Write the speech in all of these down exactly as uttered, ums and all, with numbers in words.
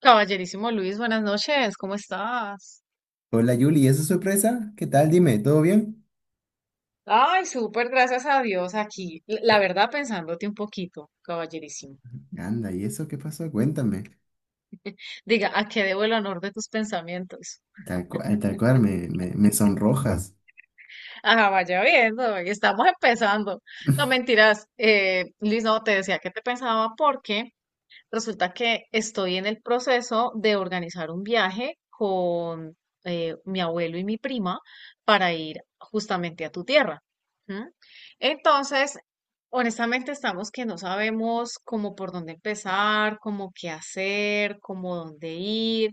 Caballerísimo Luis, buenas noches, ¿cómo estás? Hola Yuli, ¿y esa sorpresa? ¿Qué tal? Dime, ¿todo bien? Ay, súper, gracias a Dios aquí. L- La verdad, pensándote un poquito, caballerísimo. Anda, ¿y eso qué pasó? Cuéntame. Diga, ¿a qué debo el honor de tus pensamientos? Tal cual, tal cual, me, me, me sonrojas. Ajá, vaya viendo, y estamos empezando. No, mentiras, eh, Luis, no, te decía que te pensaba porque resulta que estoy en el proceso de organizar un viaje con eh, mi abuelo y mi prima para ir justamente a tu tierra. ¿M? Entonces, honestamente estamos que no sabemos cómo por dónde empezar, cómo qué hacer, cómo dónde ir.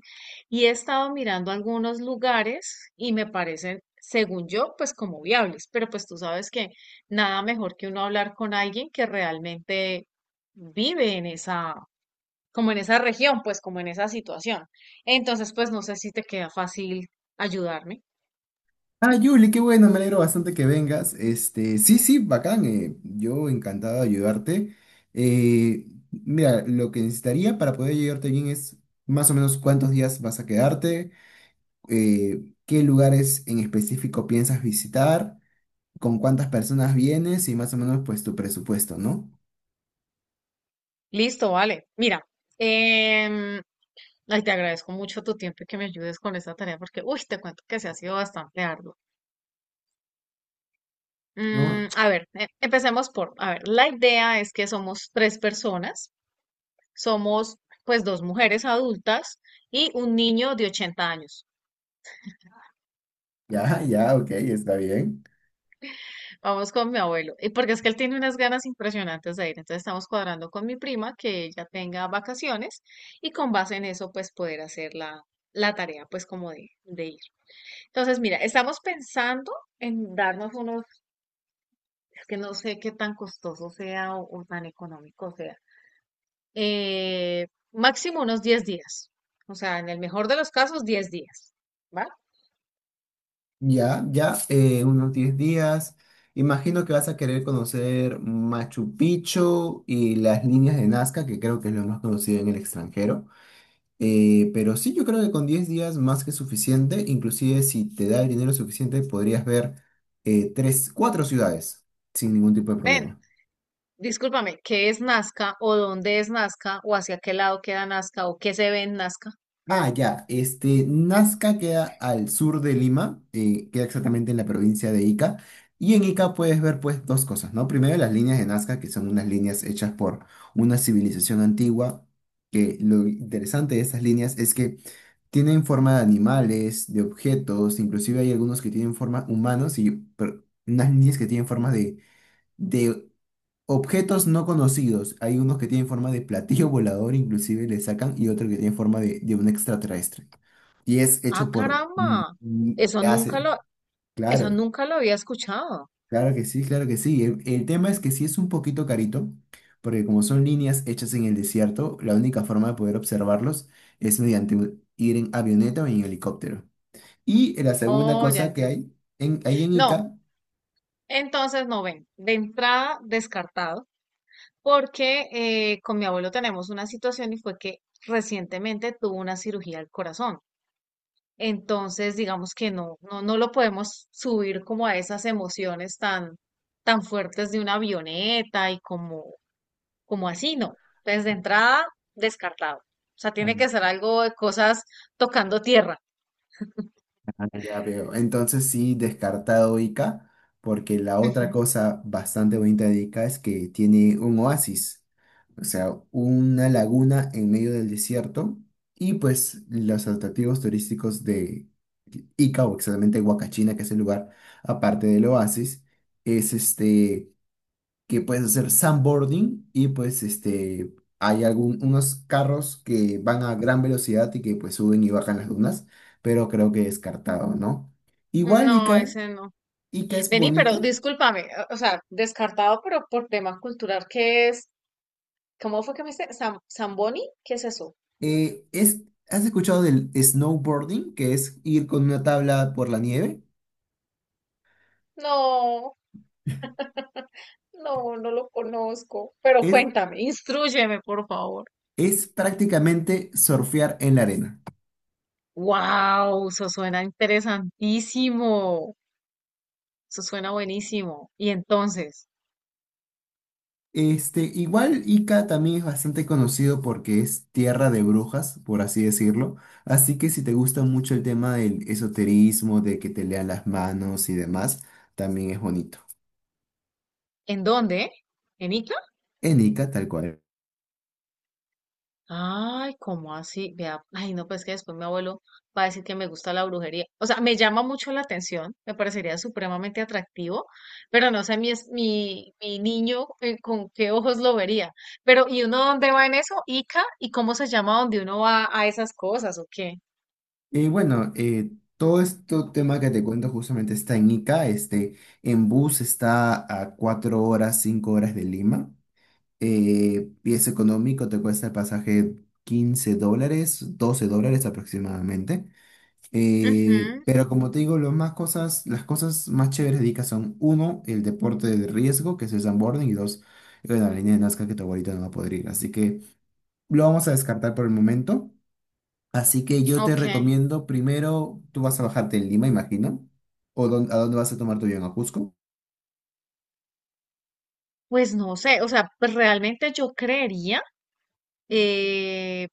Y he estado mirando algunos lugares y me parecen, según yo, pues como viables. Pero pues tú sabes que nada mejor que uno hablar con alguien que realmente vive en esa, como en esa región, pues como en esa situación. Entonces, pues no sé si te queda fácil ayudarme. Ah, Yuli, qué bueno, me alegro bastante que vengas. Este, sí, sí, bacán, eh, yo encantado de ayudarte. Eh, mira, lo que necesitaría para poder ayudarte bien es más o menos cuántos días vas a quedarte, eh, qué lugares en específico piensas visitar, con cuántas personas vienes y más o menos pues tu presupuesto, ¿no? Listo, vale. Mira, em, ay, te agradezco mucho tu tiempo y que me ayudes con esta tarea porque, uy, te cuento que se ha sido bastante arduo. Mm, ¿No? a ver, e- empecemos por, a ver, la idea es que somos tres personas, somos pues dos mujeres adultas y un niño de ochenta años. Ya, ya, ok, está bien. Vamos con mi abuelo. Y porque es que él tiene unas ganas impresionantes de ir. Entonces estamos cuadrando con mi prima que ella tenga vacaciones y con base en eso pues poder hacer la, la tarea pues como de, de ir. Entonces mira, estamos pensando en darnos unos, es que no sé qué tan costoso sea o, o tan económico sea. Eh, máximo unos diez días. O sea, en el mejor de los casos diez días. ¿Vale? Ya, ya, eh, unos diez días. Imagino que vas a querer conocer Machu Picchu y las líneas de Nazca, que creo que es lo más conocido en el extranjero. Eh, pero sí, yo creo que con diez días más que suficiente, inclusive si te da el dinero suficiente, podrías ver eh, tres, cuatro ciudades sin ningún tipo de Ven. problema. Discúlpame, ¿qué es Nazca o dónde es Nazca o hacia qué lado queda Nazca o qué se ve en Nazca? Ah, ya. Este, Nazca queda al sur de Lima, eh, queda exactamente en la provincia de Ica. Y en Ica puedes ver pues dos cosas, ¿no? Primero, las líneas de Nazca, que son unas líneas hechas por una civilización antigua, que lo interesante de estas líneas es que tienen forma de animales, de objetos, inclusive hay algunos que tienen forma humanos y per- unas líneas que tienen forma de, de objetos no conocidos. Hay unos que tienen forma de platillo volador, inclusive le sacan, y otro que tiene forma de, de un extraterrestre. Y es Ah, hecho por... caramba. mm, mm, Eso nunca hace, lo, eso claro, nunca lo había escuchado. claro que sí, claro que sí. El, el tema es que sí es un poquito carito, porque como son líneas hechas en el desierto, la única forma de poder observarlos es mediante un- ir en avioneta o en helicóptero. Y la segunda Oh, ya cosa que entiendo. hay, en, ahí en No, Ica... entonces no ven. De entrada, descartado, porque eh, con mi abuelo tenemos una situación y fue que recientemente tuvo una cirugía al corazón. Entonces, digamos que no, no, no lo podemos subir como a esas emociones tan, tan fuertes de una avioneta y como, como así, no. Entonces, de entrada, descartado. O sea, tiene que ser algo de cosas tocando tierra. Ah, ya veo. Entonces sí, descartado Ica, porque la otra Ujú. cosa bastante bonita de Ica es que tiene un oasis, o sea, una laguna en medio del desierto, y pues los atractivos turísticos de Ica, o exactamente Huacachina, que es el lugar aparte del oasis, es este que puedes hacer sandboarding, y pues este, hay algún, unos carros que van a gran velocidad y que pues suben y bajan las dunas, pero creo que descartado, ¿no? Igual No, Ica, ese no. Ica es Vení, pero bonito. discúlpame, o o sea, descartado, pero por tema cultural, ¿qué es? ¿Cómo fue que me dice? ¿Sam- Zamboni? ¿Qué es eso? eh, es, ¿Has escuchado del snowboarding, que es ir con una tabla por la nieve? No, no, no lo conozco. Pero Es, cuéntame, instrúyeme, por favor. es prácticamente surfear en la arena. Wow, eso suena interesantísimo. Eso suena buenísimo. ¿Y entonces? Este, igual Ica también es bastante conocido porque es tierra de brujas, por así decirlo. Así que si te gusta mucho el tema del esoterismo, de que te lean las manos y demás, también es bonito. ¿En dónde? ¿En Ica? En Ica, tal cual. Ay, ¿cómo así? Vea, ay, no, pues que después mi abuelo va a decir que me gusta la brujería. O sea, me llama mucho la atención, me parecería supremamente atractivo, pero no sé mi, es- mi, mi niño eh, con qué ojos lo vería. Pero, ¿y uno dónde va en eso? ¿Ica? ¿Y cómo se llama donde uno va a esas cosas o qué? Y bueno, eh, todo este tema que te cuento justamente está en Ica. Este, en bus está a cuatro horas, cinco horas de Lima. Eh, y es económico, te cuesta el pasaje quince dólares, doce dólares aproximadamente. Eh, Ujú, pero como te digo, lo más cosas, las cosas más chéveres de Ica son, uno, el deporte de riesgo, que es el sandboarding, y dos, bueno, la línea de Nazca, que tu abuelita no va a poder ir. Así que lo vamos a descartar por el momento. Así que yo te ok. recomiendo, primero, tú vas a bajarte en Lima, imagino. ¿O dón- a dónde vas a tomar tu avión? ¿A Cusco? Pues no sé, o sea, pues realmente yo creería eh,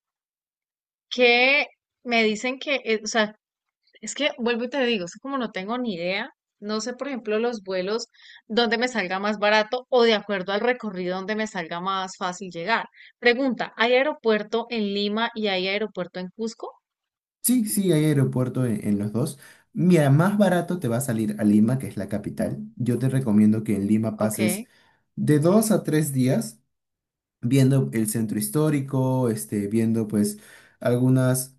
que me dicen que, eh, o sea, es que vuelvo y te digo, es que como no tengo ni idea, no sé, por ejemplo, los vuelos donde me salga más barato o de acuerdo al recorrido donde me salga más fácil llegar. Pregunta, ¿hay aeropuerto en Lima y hay aeropuerto en Cusco? Sí, sí, hay aeropuerto en, en los dos. Mira, más barato te va a salir a Lima, que es la capital. Yo te recomiendo que en Lima pases Ok. de dos a tres días viendo el centro histórico, este, viendo pues algunos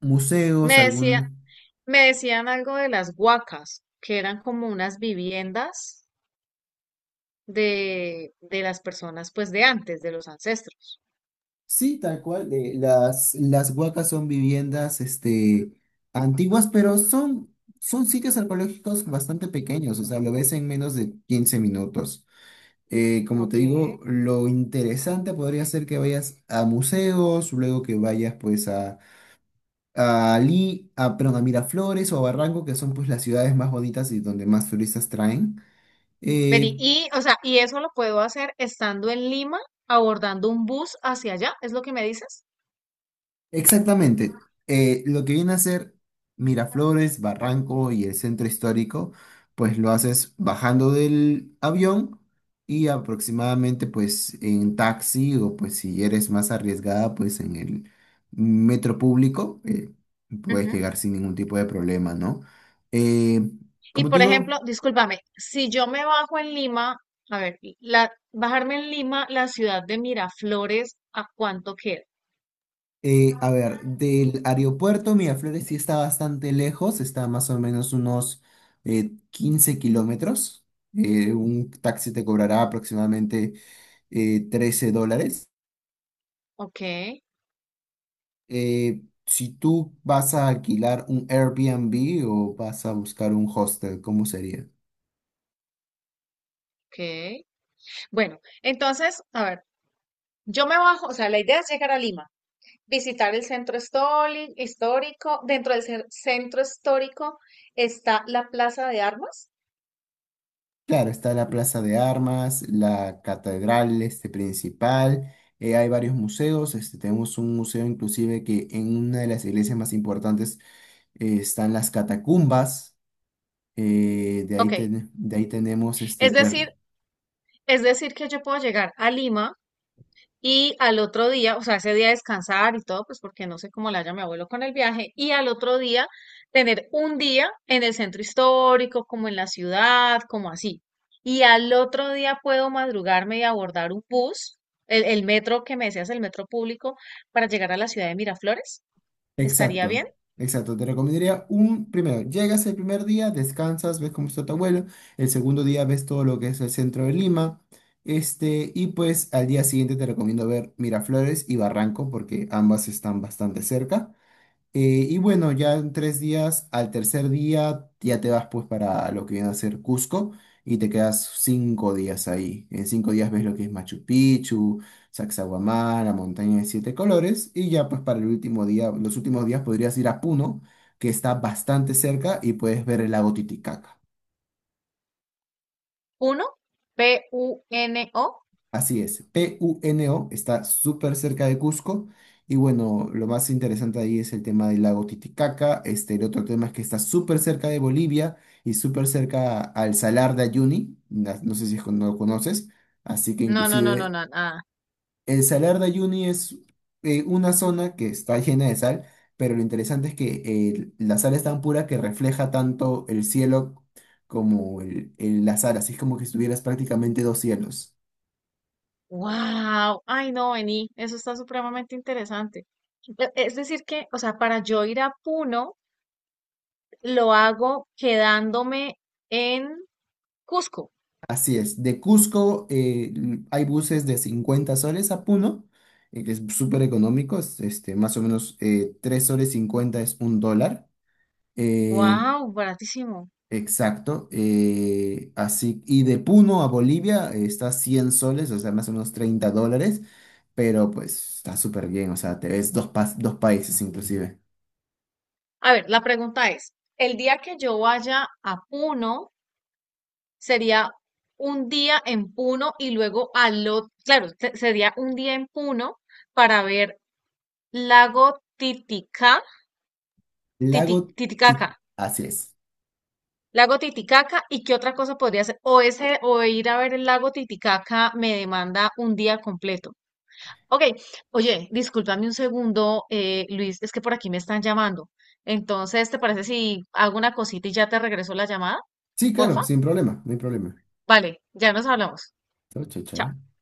museos, Me decía, algún... me decían algo de las huacas, que eran como unas viviendas de, de las personas, pues de antes, de los ancestros. Sí, tal cual, eh, las, las huacas son viviendas este, antiguas, pero son, son sitios arqueológicos bastante pequeños, o sea, lo ves en menos de quince minutos. Eh, como te Ok. digo, lo interesante podría ser que vayas a museos, luego que vayas pues a, a Lí- a, perdón, a Miraflores o a Barranco, que son pues las ciudades más bonitas y donde más turistas traen. Vení, Eh, y, o sea, y eso lo puedo hacer estando en Lima, abordando un bus hacia allá, ¿es lo que me dices? Exactamente. Eh, lo que viene a ser Miraflores, Barranco y el centro histórico, pues lo haces bajando del avión y aproximadamente pues en taxi, o pues si eres más arriesgada pues en el metro público, eh, puedes Ujú. llegar sin ningún tipo de problema, ¿no? Eh, Y como te por digo, ejemplo, discúlpame, si yo me bajo en Lima, a ver, la, bajarme en Lima, la ciudad de Miraflores, ¿a cuánto queda? Eh, a ver, del aeropuerto Miraflores sí está bastante lejos, está más o menos unos eh, quince kilómetros. Eh, un taxi te cobrará aproximadamente eh, trece dólares. Ok, Eh, si tú vas a alquilar un Airbnb o vas a buscar un hostel, ¿cómo sería? ok. Bueno, entonces, a ver, yo me bajo, o sea, la idea es llegar a Lima, visitar el centro histórico, histórico. Dentro del cer- centro histórico está la Plaza de Armas. Claro, está la Plaza de Armas, la catedral, este, principal, eh, hay varios museos, este, tenemos un museo inclusive que en una de las iglesias más importantes eh, están las catacumbas, eh, de ahí, Ok, ten- de ahí tenemos este, es pues, decir, es decir que yo puedo llegar a Lima y al otro día, o sea, ese día descansar y todo, pues porque no sé cómo le haya mi abuelo con el viaje. Y al otro día tener un día en el centro histórico, como en la ciudad, como así. Y al otro día puedo madrugarme y abordar un bus, el, el metro que me decías, el metro público, para llegar a la ciudad de Miraflores. ¿Estaría exacto, bien? exacto, te recomendaría un, primero, llegas el primer día, descansas, ves cómo está tu abuelo, el segundo día ves todo lo que es el centro de Lima, este, y pues al día siguiente te recomiendo ver Miraflores y Barranco, porque ambas están bastante cerca. Eh, y bueno, ya en tres días, al tercer día, ya te vas pues para lo que viene a ser Cusco y te quedas cinco días ahí. En cinco días ves lo que es Machu Picchu, Sacsayhuamán, la montaña de siete colores, y ya pues para el último día, los últimos días, podrías ir a Puno, que está bastante cerca y puedes ver el lago Titicaca. Uno, P-U-N-O. Así es, Puno está súper cerca de Cusco y bueno, lo más interesante ahí es el tema del lago Titicaca, este, el otro tema es que está súper cerca de Bolivia y súper cerca al Salar de Uyuni, na- no sé si es con- no lo conoces, así que No, no, no, no, inclusive no, nada. el Salar de Uyuni es eh, una zona que está llena de sal, pero lo interesante es que eh, la sal es tan pura que refleja tanto el cielo como el, el- la sal, así es como que estuvieras prácticamente dos cielos. Wow, ay no, vení, eso está supremamente interesante. E- Es decir que, o sea, para yo ir a Puno, lo hago quedándome en Cusco. Así es, de Cusco eh, l- hay buses de cincuenta soles a Puno, eh, que es súper económico, es, este, más o menos eh, tres soles cincuenta es un dólar. eh, Wow, baratísimo. exacto. eh, así, y de Puno a Bolivia eh, está cien soles, o sea, más o menos treinta dólares, pero pues está súper bien, o sea, te ves dos, pas- dos países inclusive. A ver, la pregunta es, ¿el día que yo vaya a Puno sería un día en Puno y luego al otro, claro, se- sería un día en Puno para ver lago Titicaca, Titi- Lago, Ti- Titicaca? así es. Lago Titicaca, ¿y qué otra cosa podría hacer? O ese, o ir a ver el lago Titicaca me demanda un día completo. Ok, oye, discúlpame un segundo, eh, Luis, es que por aquí me están llamando. Entonces, ¿te parece si hago una cosita y ya te regreso la llamada? Sí, claro, Porfa. sin problema, no hay problema. Vale, ya nos hablamos. Chao, chao, Chao. chao.